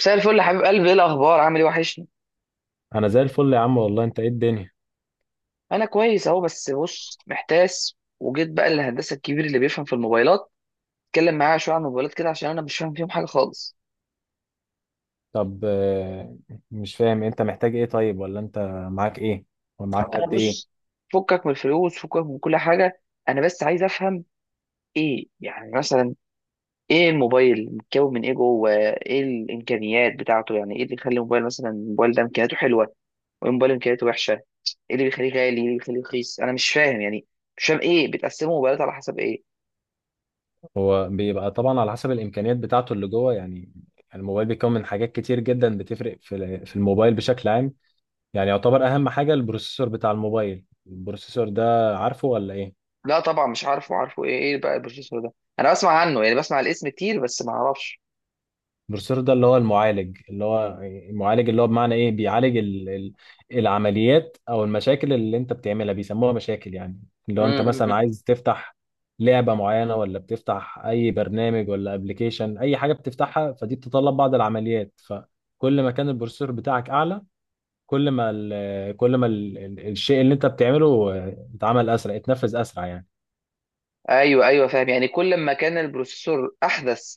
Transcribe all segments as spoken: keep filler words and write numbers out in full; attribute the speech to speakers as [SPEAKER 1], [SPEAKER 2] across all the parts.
[SPEAKER 1] مساء الفل يا حبيب قلبي، ايه الاخبار؟ عامل ايه؟ وحشني.
[SPEAKER 2] انا زي الفل يا عم والله. انت ايه الدنيا؟
[SPEAKER 1] انا كويس اهو، بس بص، محتاس وجيت بقى للهندسه الكبير اللي بيفهم في الموبايلات. اتكلم معاه شويه عن الموبايلات كده عشان انا مش فاهم فيهم حاجه خالص.
[SPEAKER 2] طب آه، مش فاهم انت محتاج ايه طيب، ولا انت معاك ايه؟ ومعاك قد
[SPEAKER 1] انا
[SPEAKER 2] ايه؟
[SPEAKER 1] بص، فكك من الفلوس، فكك من كل حاجه. انا بس عايز افهم ايه يعني. مثلا ايه الموبايل؟ متكون من ايه جوه؟ ايه الامكانيات بتاعته؟ يعني ايه اللي يخلي الموبايل مثلا، الموبايل ده امكانياته حلوه، وايه الموبايل امكانياته وحشه؟ ايه اللي بيخليه غالي، ايه اللي بيخليه رخيص؟ انا مش فاهم يعني. مش فاهم، ايه بتقسموا موبايلات على حسب ايه؟
[SPEAKER 2] هو بيبقى طبعا على حسب الامكانيات بتاعته اللي جوه يعني. الموبايل بيكون من حاجات كتير جدا بتفرق في ال- في الموبايل بشكل عام. يعني يعتبر اهم حاجة البروسيسور بتاع الموبايل. البروسيسور ده عارفه ولا ايه؟
[SPEAKER 1] لا طبعا مش عارفه، عارفه ايه؟ ايه بقى البروفيسور ده؟ انا بسمع عنه، يعني بسمع الاسم كتير بس ما اعرفش.
[SPEAKER 2] البروفيسور ده اللي هو المعالج اللي هو المعالج اللي هو بمعنى ايه بيعالج ال ال العمليات او المشاكل اللي انت بتعملها بيسموها مشاكل يعني. اللي هو انت مثلا
[SPEAKER 1] امم.
[SPEAKER 2] عايز تفتح لعبة معينة، ولا بتفتح اي برنامج ولا ابلكيشن، اي حاجة بتفتحها فدي بتتطلب بعض العمليات. فكل ما كان البروسيسور بتاعك اعلى، كل ما ال كل ما ال الشيء اللي انت بتعمله اتعمل اسرع، اتنفذ اسرع يعني.
[SPEAKER 1] ايوه، ايوه، فاهم، يعني كل ما كان البروسيسور احدث،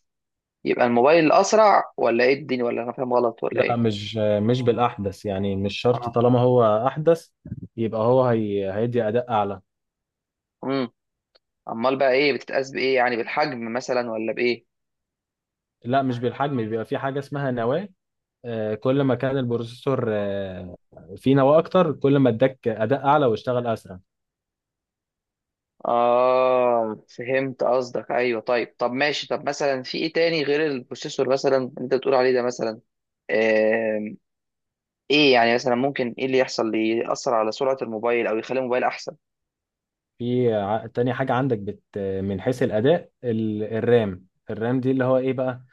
[SPEAKER 1] يبقى الموبايل اسرع؟ ولا ايه الدنيا، ولا انا فاهم غلط، ولا
[SPEAKER 2] لا،
[SPEAKER 1] ايه؟
[SPEAKER 2] مش مش بالأحدث. يعني مش شرط
[SPEAKER 1] اه.
[SPEAKER 2] طالما هو أحدث يبقى هو هي هيدي أداء أعلى.
[SPEAKER 1] امم. امال بقى، ايه بتتقاس بايه؟ يعني بالحجم مثلا ولا بايه؟
[SPEAKER 2] لا مش بالحجم. بيبقى في حاجة اسمها نواة. آه، كل ما كان البروسيسور آه، فيه نواة أكتر، كل ما اداك أداء أعلى واشتغل أسرع.
[SPEAKER 1] اه فهمت قصدك، ايوه طيب. طب ماشي، طب مثلا في ايه تاني غير البروسيسور، مثلا انت بتقول عليه ده مثلا. آم، ايه يعني مثلا، ممكن ايه اللي يحصل، اللي يأثر على سرعة الموبايل او يخلي الموبايل احسن؟
[SPEAKER 2] في ع- تاني حاجة عندك بت من حيث الأداء ال- الرام الرام دي اللي هو إيه بقى؟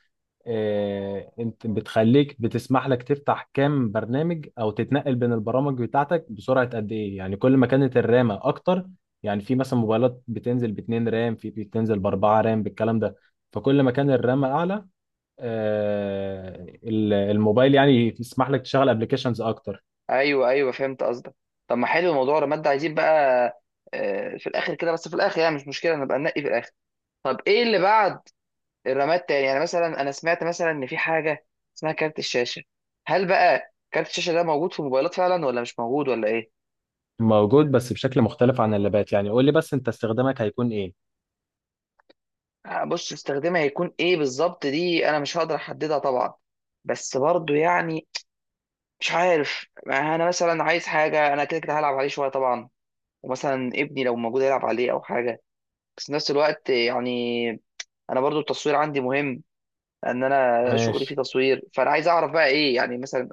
[SPEAKER 2] آه، انت بتخليك بتسمح لك تفتح كام برنامج او تتنقل بين البرامج بتاعتك بسرعه قد ايه. يعني كل ما كانت الرامه اكتر. يعني في مثلا موبايلات بتنزل باتنين رام، في بتنزل باربعه رام بالكلام ده. فكل ما كان الرامه اعلى، آه، ال- الموبايل يعني يسمح لك تشغل ابلكيشنز اكتر.
[SPEAKER 1] ايوه، ايوه، فهمت قصدك. طب ما حلو موضوع الرماد ده، عايزين بقى آه، في الاخر كده، بس في الاخر يعني مش مشكله، نبقى ننقي في الاخر. طب ايه اللي بعد الرماد تاني؟ يعني مثلا انا سمعت مثلا ان في حاجه اسمها كارت الشاشه. هل بقى كارت الشاشه ده موجود في الموبايلات فعلا، ولا مش موجود، ولا ايه؟
[SPEAKER 2] موجود بس بشكل مختلف عن اللابات. يعني قول لي بس انت استخدامك هيكون ايه؟
[SPEAKER 1] آه، بص، استخدامها هيكون ايه بالظبط، دي انا مش هقدر احددها طبعا. بس برضو يعني مش عارف، ما انا مثلا عايز حاجه، انا كده كده هلعب عليه شويه طبعا. ومثلا ابني لو موجود يلعب عليه او حاجه. بس في نفس الوقت يعني، انا برضو التصوير عندي مهم. ان انا شغلي فيه
[SPEAKER 2] ماشي.
[SPEAKER 1] تصوير، فانا عايز اعرف بقى ايه يعني مثلا.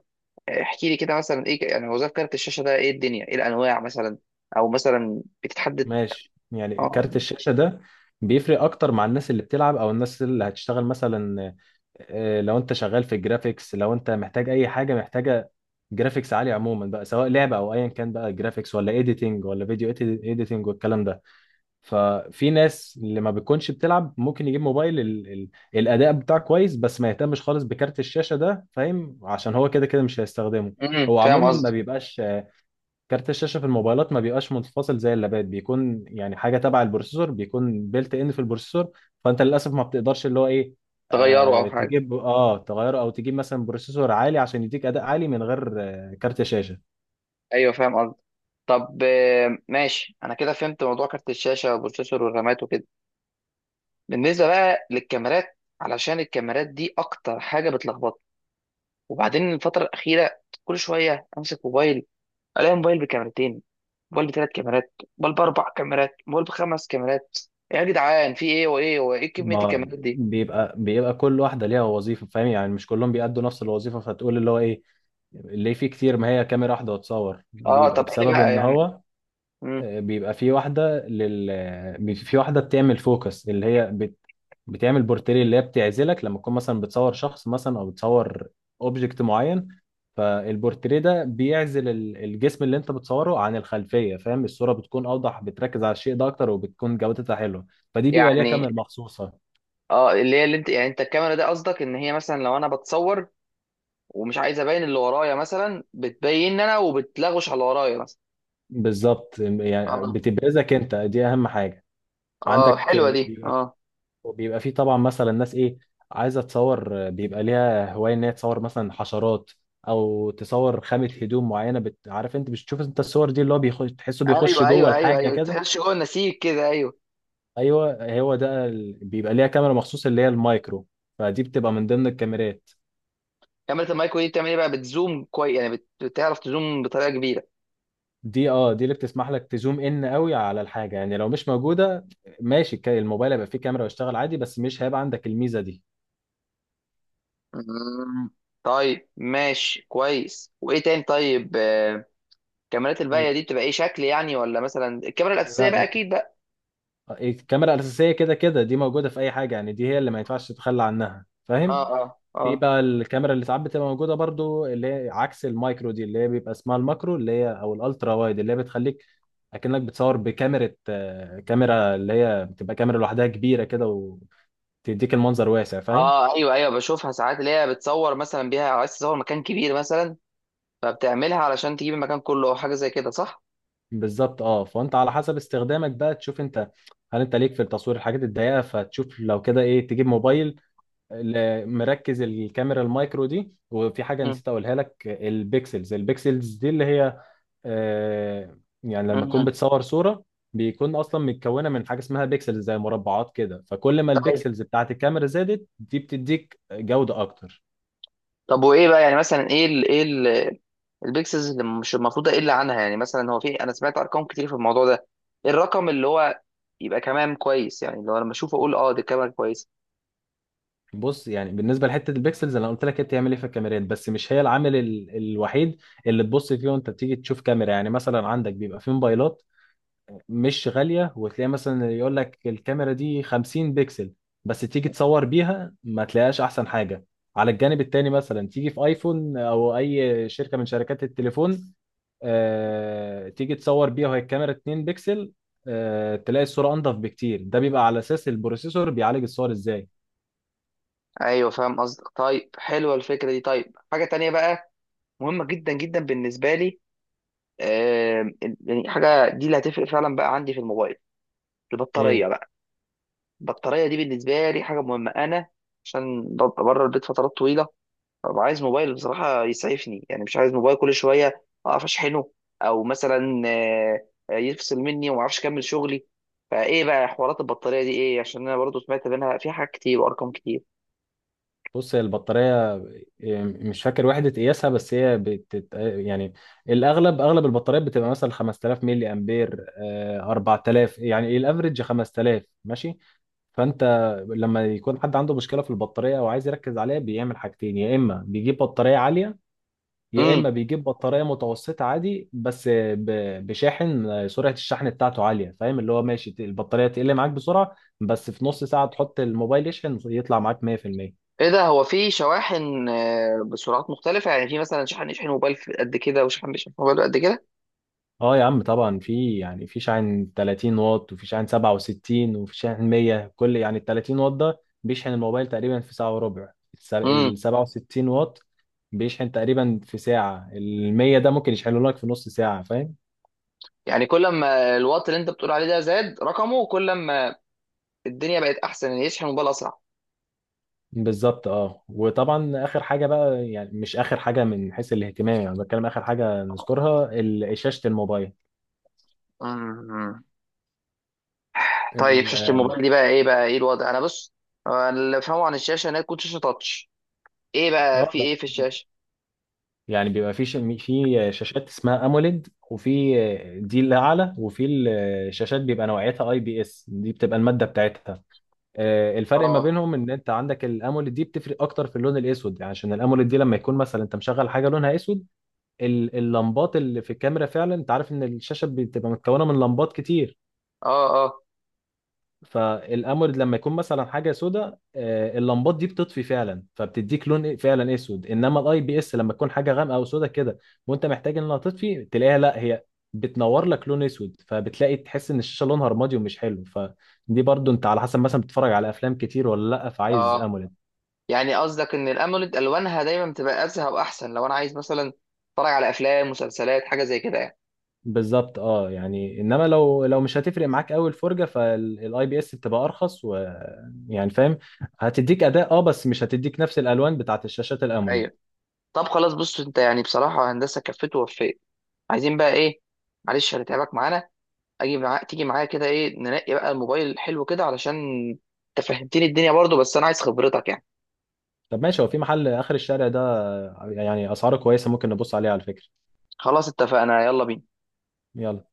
[SPEAKER 1] آه، احكي لي كده مثلا ايه، ك- يعني وظائف كارت الشاشه ده، ايه الدنيا، ايه الانواع مثلا، او مثلا بتتحدد.
[SPEAKER 2] ماشي، يعني
[SPEAKER 1] اه.
[SPEAKER 2] كارت الشاشة ده بيفرق أكتر مع الناس اللي بتلعب أو الناس اللي هتشتغل مثلا. آه، لو أنت شغال في الجرافيكس، لو أنت محتاج أي حاجة محتاجة جرافيكس عالي عموما بقى، سواء لعبة أو أيا كان بقى، جرافيكس ولا إيديتنج ولا فيديو إيديتنج والكلام ده. ففي ناس اللي ما بتكونش بتلعب ممكن يجيب موبايل ال ال الأداء بتاعه كويس بس ما يهتمش خالص بكارت الشاشة ده، فاهم؟ عشان هو كده كده مش هيستخدمه.
[SPEAKER 1] امم
[SPEAKER 2] هو
[SPEAKER 1] فاهم
[SPEAKER 2] عموما ما
[SPEAKER 1] قصدك.
[SPEAKER 2] بيبقاش كارت الشاشة في الموبايلات، ما بيبقاش منفصل زي اللابات. بيكون يعني حاجة تبع البروسيسور، بيكون بيلت ان في البروسيسور. فأنت للأسف ما بتقدرش اللي هو إيه،
[SPEAKER 1] تغيره او
[SPEAKER 2] آه
[SPEAKER 1] حاجه.
[SPEAKER 2] تجيب، اه تغيره أو تجيب مثلا بروسيسور عالي عشان يديك أداء عالي من غير آه كارت شاشة.
[SPEAKER 1] ايوه فاهم قصدك. طب آه، ماشي، انا كده فهمت موضوع كارت الشاشه والبروسيسور والرامات وكده. بالنسبه بقى للكاميرات، علشان الكاميرات دي اكتر حاجه بتلخبطني. وبعدين الفتره الاخيره كل شويه امسك موبايل، الاقي موبايل بكاميرتين، موبايل بثلاث كاميرات، موبايل باربع كاميرات، موبايل بخمس كاميرات. يا جدعان، في ايه وايه وايه؟ إيه كميه
[SPEAKER 2] ما
[SPEAKER 1] الكاميرات دي؟
[SPEAKER 2] بيبقى بيبقى كل واحدة ليها وظيفة، فاهم؟ يعني مش كلهم بيأدوا نفس الوظيفة. فتقول اللي هو إيه اللي فيه كتير؟ ما هي كاميرا واحدة وتصور،
[SPEAKER 1] اه،
[SPEAKER 2] بيبقى
[SPEAKER 1] طب ايه
[SPEAKER 2] بسبب
[SPEAKER 1] بقى
[SPEAKER 2] إن
[SPEAKER 1] يعني؟
[SPEAKER 2] هو
[SPEAKER 1] مم.
[SPEAKER 2] آه، بيبقى في واحدة لل آه، بي- في واحدة بتعمل فوكس اللي هي بت... بتعمل بورتري، اللي هي بتعزلك لما تكون مثلا بتصور شخص مثلا، او بتصور اوبجكت معين. فالبورتريه ده بيعزل ال- الجسم اللي انت بتصوره عن الخلفية، فاهم؟ الصورة بتكون اوضح، بتركز على الشيء ده اكتر، وبتكون جودتها حلوة. فدي بيبقى ليها
[SPEAKER 1] يعني
[SPEAKER 2] كاميرا مخصوصة.
[SPEAKER 1] اه، اللي هي، اللي انت يعني، انت الكاميرا دي قصدك ان هي مثلا لو انا بتصور ومش عايز ابين اللي ورايا مثلا، بتبين انا وبتلغوش على اللي ورايا مثلا؟
[SPEAKER 2] بالظبط، يعني
[SPEAKER 1] اه،
[SPEAKER 2] بتبرزك انت. دي اهم حاجة
[SPEAKER 1] اه،
[SPEAKER 2] عندك.
[SPEAKER 1] حلوه دي، اه.
[SPEAKER 2] وبيبقى فيه طبعا مثلا ناس ايه عايزه تصور. بيبقى ليها هوايه ان هي تصور مثلا حشرات او تصور خامه هدوم معينه بت... عارف انت بتشوف انت الصور دي اللي هو بيخش، تحسه بيخش
[SPEAKER 1] ايوه،
[SPEAKER 2] جوه
[SPEAKER 1] ايوه، ايوه،
[SPEAKER 2] الحاجه
[SPEAKER 1] ايوه،
[SPEAKER 2] كده.
[SPEAKER 1] تخش جوه النسيج كده، ايوه.
[SPEAKER 2] ايوه هو ده ال... بيبقى ليها كاميرا مخصوص اللي هي المايكرو. فدي بتبقى من ضمن الكاميرات.
[SPEAKER 1] كاميرا المايكرو دي بتعمل ايه بقى؟ بتزوم كويس يعني، بت- بتعرف تزوم بطريقه كبيره؟
[SPEAKER 2] دي اه دي اللي بتسمح لك تزوم ان قوي على الحاجه. يعني لو مش موجوده ماشي، الك- الموبايل هيبقى فيه كاميرا ويشتغل عادي بس مش هيبقى عندك الميزه دي.
[SPEAKER 1] مم. طيب ماشي كويس، وايه تاني؟ طيب آه، الكاميرات الباقيه دي بتبقى ايه شكل يعني؟ ولا مثلا الكاميرا الاساسيه
[SPEAKER 2] لا،
[SPEAKER 1] بقى اكيد بقى.
[SPEAKER 2] الكاميرا الأساسية كده كده دي موجودة في أي حاجة. يعني دي هي اللي ما ينفعش تتخلى عنها،
[SPEAKER 1] اه،
[SPEAKER 2] فاهم؟
[SPEAKER 1] اه،
[SPEAKER 2] في
[SPEAKER 1] اه،
[SPEAKER 2] بقى الكاميرا اللي ساعات بتبقى موجودة برضو اللي هي عكس المايكرو دي، اللي هي بيبقى اسمها الماكرو، اللي هي أو الألترا وايد، اللي هي بتخليك أكنك بتصور بكاميرا، آه، كاميرا اللي هي بتبقى كاميرا لوحدها كبيرة كده، وتديك المنظر واسع، فاهم؟
[SPEAKER 1] اه. ايوه، ايوه، بشوفها ساعات اللي هي بتصور مثلا بيها، عايز تصور مكان كبير مثلا، فبتعملها علشان تجيب المكان كله او حاجه زي كده، صح؟
[SPEAKER 2] بالظبط، اه. فأنت على حسب استخدامك بقى تشوف أنت، هل أنت ليك في التصوير الحاجات الضيقة. فتشوف لو كده إيه، تجيب موبايل ل- مركز الكاميرا المايكرو دي. وفي حاجه
[SPEAKER 1] مم.
[SPEAKER 2] نسيت اقولها لك، البيكسلز البيكسلز دي اللي هي آه، يعني لما تكون
[SPEAKER 1] مم.
[SPEAKER 2] بتصور صوره، بيكون اصلا متكونه من حاجه اسمها بيكسلز، زي مربعات كده. فكل ما
[SPEAKER 1] طيب.
[SPEAKER 2] البيكسلز بتاعت الكاميرا زادت دي، بتديك جوده اكتر.
[SPEAKER 1] طب وايه بقى يعني مثلا، ايه ال ايه ال البيكسلز اللي مش المفروض اقل عنها؟ يعني مثلا هو في، انا سمعت ارقام كتير في الموضوع ده. إيه الرقم اللي هو يبقى كمان كويس، يعني لو انا لما اشوفه اقول اه دي كاميرا كويسه؟
[SPEAKER 2] بص، يعني بالنسبه لحته البيكسلز، انا قلت لك هي بتعمل ايه في الكاميرات، بس مش هي العامل ال- الوحيد اللي تبص فيه وانت بتيجي تشوف كاميرا. يعني مثلا عندك بيبقى في موبايلات مش غالية، وتلاقي مثلا يقول لك الكاميرا دي 50 بكسل، بس تيجي تصور بيها ما تلاقيهاش أحسن حاجة. على الجانب التاني، مثلا تيجي في ايفون او اي شركة من شركات التليفون، آه، تيجي تصور بيها وهي الكاميرا 2 بكسل، آه، تلاقي الصورة انضف بكتير. ده بيبقى على اساس البروسيسور بيعالج الصور ازاي.
[SPEAKER 1] ايوه فاهم قصدك. طيب حلوه الفكره دي. طيب حاجه تانية بقى مهمه جدا جدا بالنسبه لي. آم، يعني حاجه دي اللي هتفرق فعلا بقى عندي في الموبايل،
[SPEAKER 2] ايه؟
[SPEAKER 1] البطاريه بقى. البطاريه دي بالنسبه لي حاجه مهمه، انا عشان ببقى بره البيت فترات طويله. ببقى عايز موبايل بصراحه يسعفني، يعني مش عايز موبايل كل شويه اقف اشحنه، او مثلا آه، آه، يفصل مني وما اعرفش اكمل شغلي. فايه بقى حوارات البطاريه دي ايه؟ عشان انا برضو سمعت منها فيها حاجات كتير وارقام كتير.
[SPEAKER 2] بص، هي البطارية إيه، مش فاكر وحدة قياسها، بس هي بتت... يعني الأغلب أغلب البطاريات بتبقى مثلا خمستلاف ملي أمبير، آه، اربعة آلاف، يعني الأفريج خمسة آلاف ماشي. فأنت لما يكون حد عنده مشكلة في البطارية أو عايز يركز عليها، بيعمل حاجتين: يا إما بيجيب بطارية عالية، يا
[SPEAKER 1] امم.
[SPEAKER 2] إما بيجيب بطارية متوسطة عادي بس ب... بشاحن آه، سرعة الشحن بتاعته عالية، فاهم؟ اللي هو ماشي، البطارية تقل معاك بسرعة، بس في نص ساعة تحط الموبايل يشحن يطلع معاك مية في المية.
[SPEAKER 1] ايه ده! هو في شواحن آه، بسرعات مختلفة؟ يعني في مثلا شحن يشحن موبايل في قد كده، وشحن بيشحن موبايل قد كده؟
[SPEAKER 2] اه يا عم طبعا، في، يعني في شاحن تلاتين واط، وفي شاحن سبعة وستين، وفي شاحن مية. كل يعني ال تلاتين واط ده بيشحن الموبايل تقريبا في ساعة وربع، الس-
[SPEAKER 1] امم
[SPEAKER 2] ال سبعة وستين واط بيشحن تقريبا في ساعة، ال مية ده ممكن يشحنه لك في نص ساعة، فاهم؟
[SPEAKER 1] يعني كل ما الوات اللي انت بتقول عليه ده زاد رقمه، كل ما الدنيا بقت احسن ان يشحن موبايل اسرع؟
[SPEAKER 2] بالظبط، اه. وطبعا اخر حاجة بقى، يعني مش اخر حاجة من حيث الاهتمام، يعني بتكلم اخر حاجة نذكرها، ال- شاشة الموبايل.
[SPEAKER 1] امم طيب
[SPEAKER 2] ال-
[SPEAKER 1] شاشة الموبايل دي بقى ايه؟ بقى ايه الوضع؟ انا بص، أنا اللي فاهمه عن الشاشة انها تكون شاشة تاتش. ايه بقى في
[SPEAKER 2] اه
[SPEAKER 1] ايه في الشاشة؟
[SPEAKER 2] يعني بيبقى في ش... في شاشات اسمها اموليد، وفي دي اللي اعلى. وفي الشاشات بيبقى نوعيتها اي بي اس، دي بتبقى الماده بتاعتها. آه، الفرق ما
[SPEAKER 1] اه،
[SPEAKER 2] بينهم ان انت عندك الاموليد دي بتفرق اكتر في اللون الاسود. يعني عشان الاموليد دي لما يكون مثلا انت مشغل حاجه لونها اسود، ال- اللمبات اللي في الكاميرا فعلا، انت عارف ان الشاشه بتبقى متكونه من لمبات كتير.
[SPEAKER 1] اه، اه،
[SPEAKER 2] فالامورد لما يكون مثلا حاجه سوداء، آه، اللمبات دي بتطفي فعلا، فبتديك لون فعلا اسود. انما الاي بي اس لما تكون حاجه غامقه او سوداء كده، وانت محتاج انها تطفي، تلاقيها لا هي بتنور لك لون اسود، فبتلاقي تحس ان الشاشه لونها رمادي ومش حلو. فدي برضو انت على حسب، مثلا بتتفرج على افلام كتير ولا لا، فعايز
[SPEAKER 1] اه.
[SPEAKER 2] اموليد.
[SPEAKER 1] يعني قصدك ان الاموليد الوانها دايما بتبقى ازهى واحسن لو انا عايز مثلا اتفرج على افلام، مسلسلات، حاجة زي كده يعني؟
[SPEAKER 2] بالظبط، اه. يعني انما لو لو مش هتفرق معاك قوي الفرجه، فالاي بي اس بتبقى ارخص، ويعني فاهم، هتديك اداء، اه، بس مش هتديك نفس الالوان بتاعت الشاشات الاموليد.
[SPEAKER 1] ايوه. طب خلاص بص، انت يعني بصراحة هندسة كفت ووفيت. عايزين بقى ايه؟ معلش هنتعبك معانا. اجي معاك تيجي معايا كده، ايه ننقي بقى الموبايل حلو كده، علشان انت فهمتني الدنيا برضو، بس انا عايز خبرتك يعني.
[SPEAKER 2] طب ماشي، هو في محل آخر الشارع ده يعني أسعاره كويسة، ممكن نبص عليه على فكرة.
[SPEAKER 1] خلاص اتفقنا، يلا بينا.
[SPEAKER 2] يلا.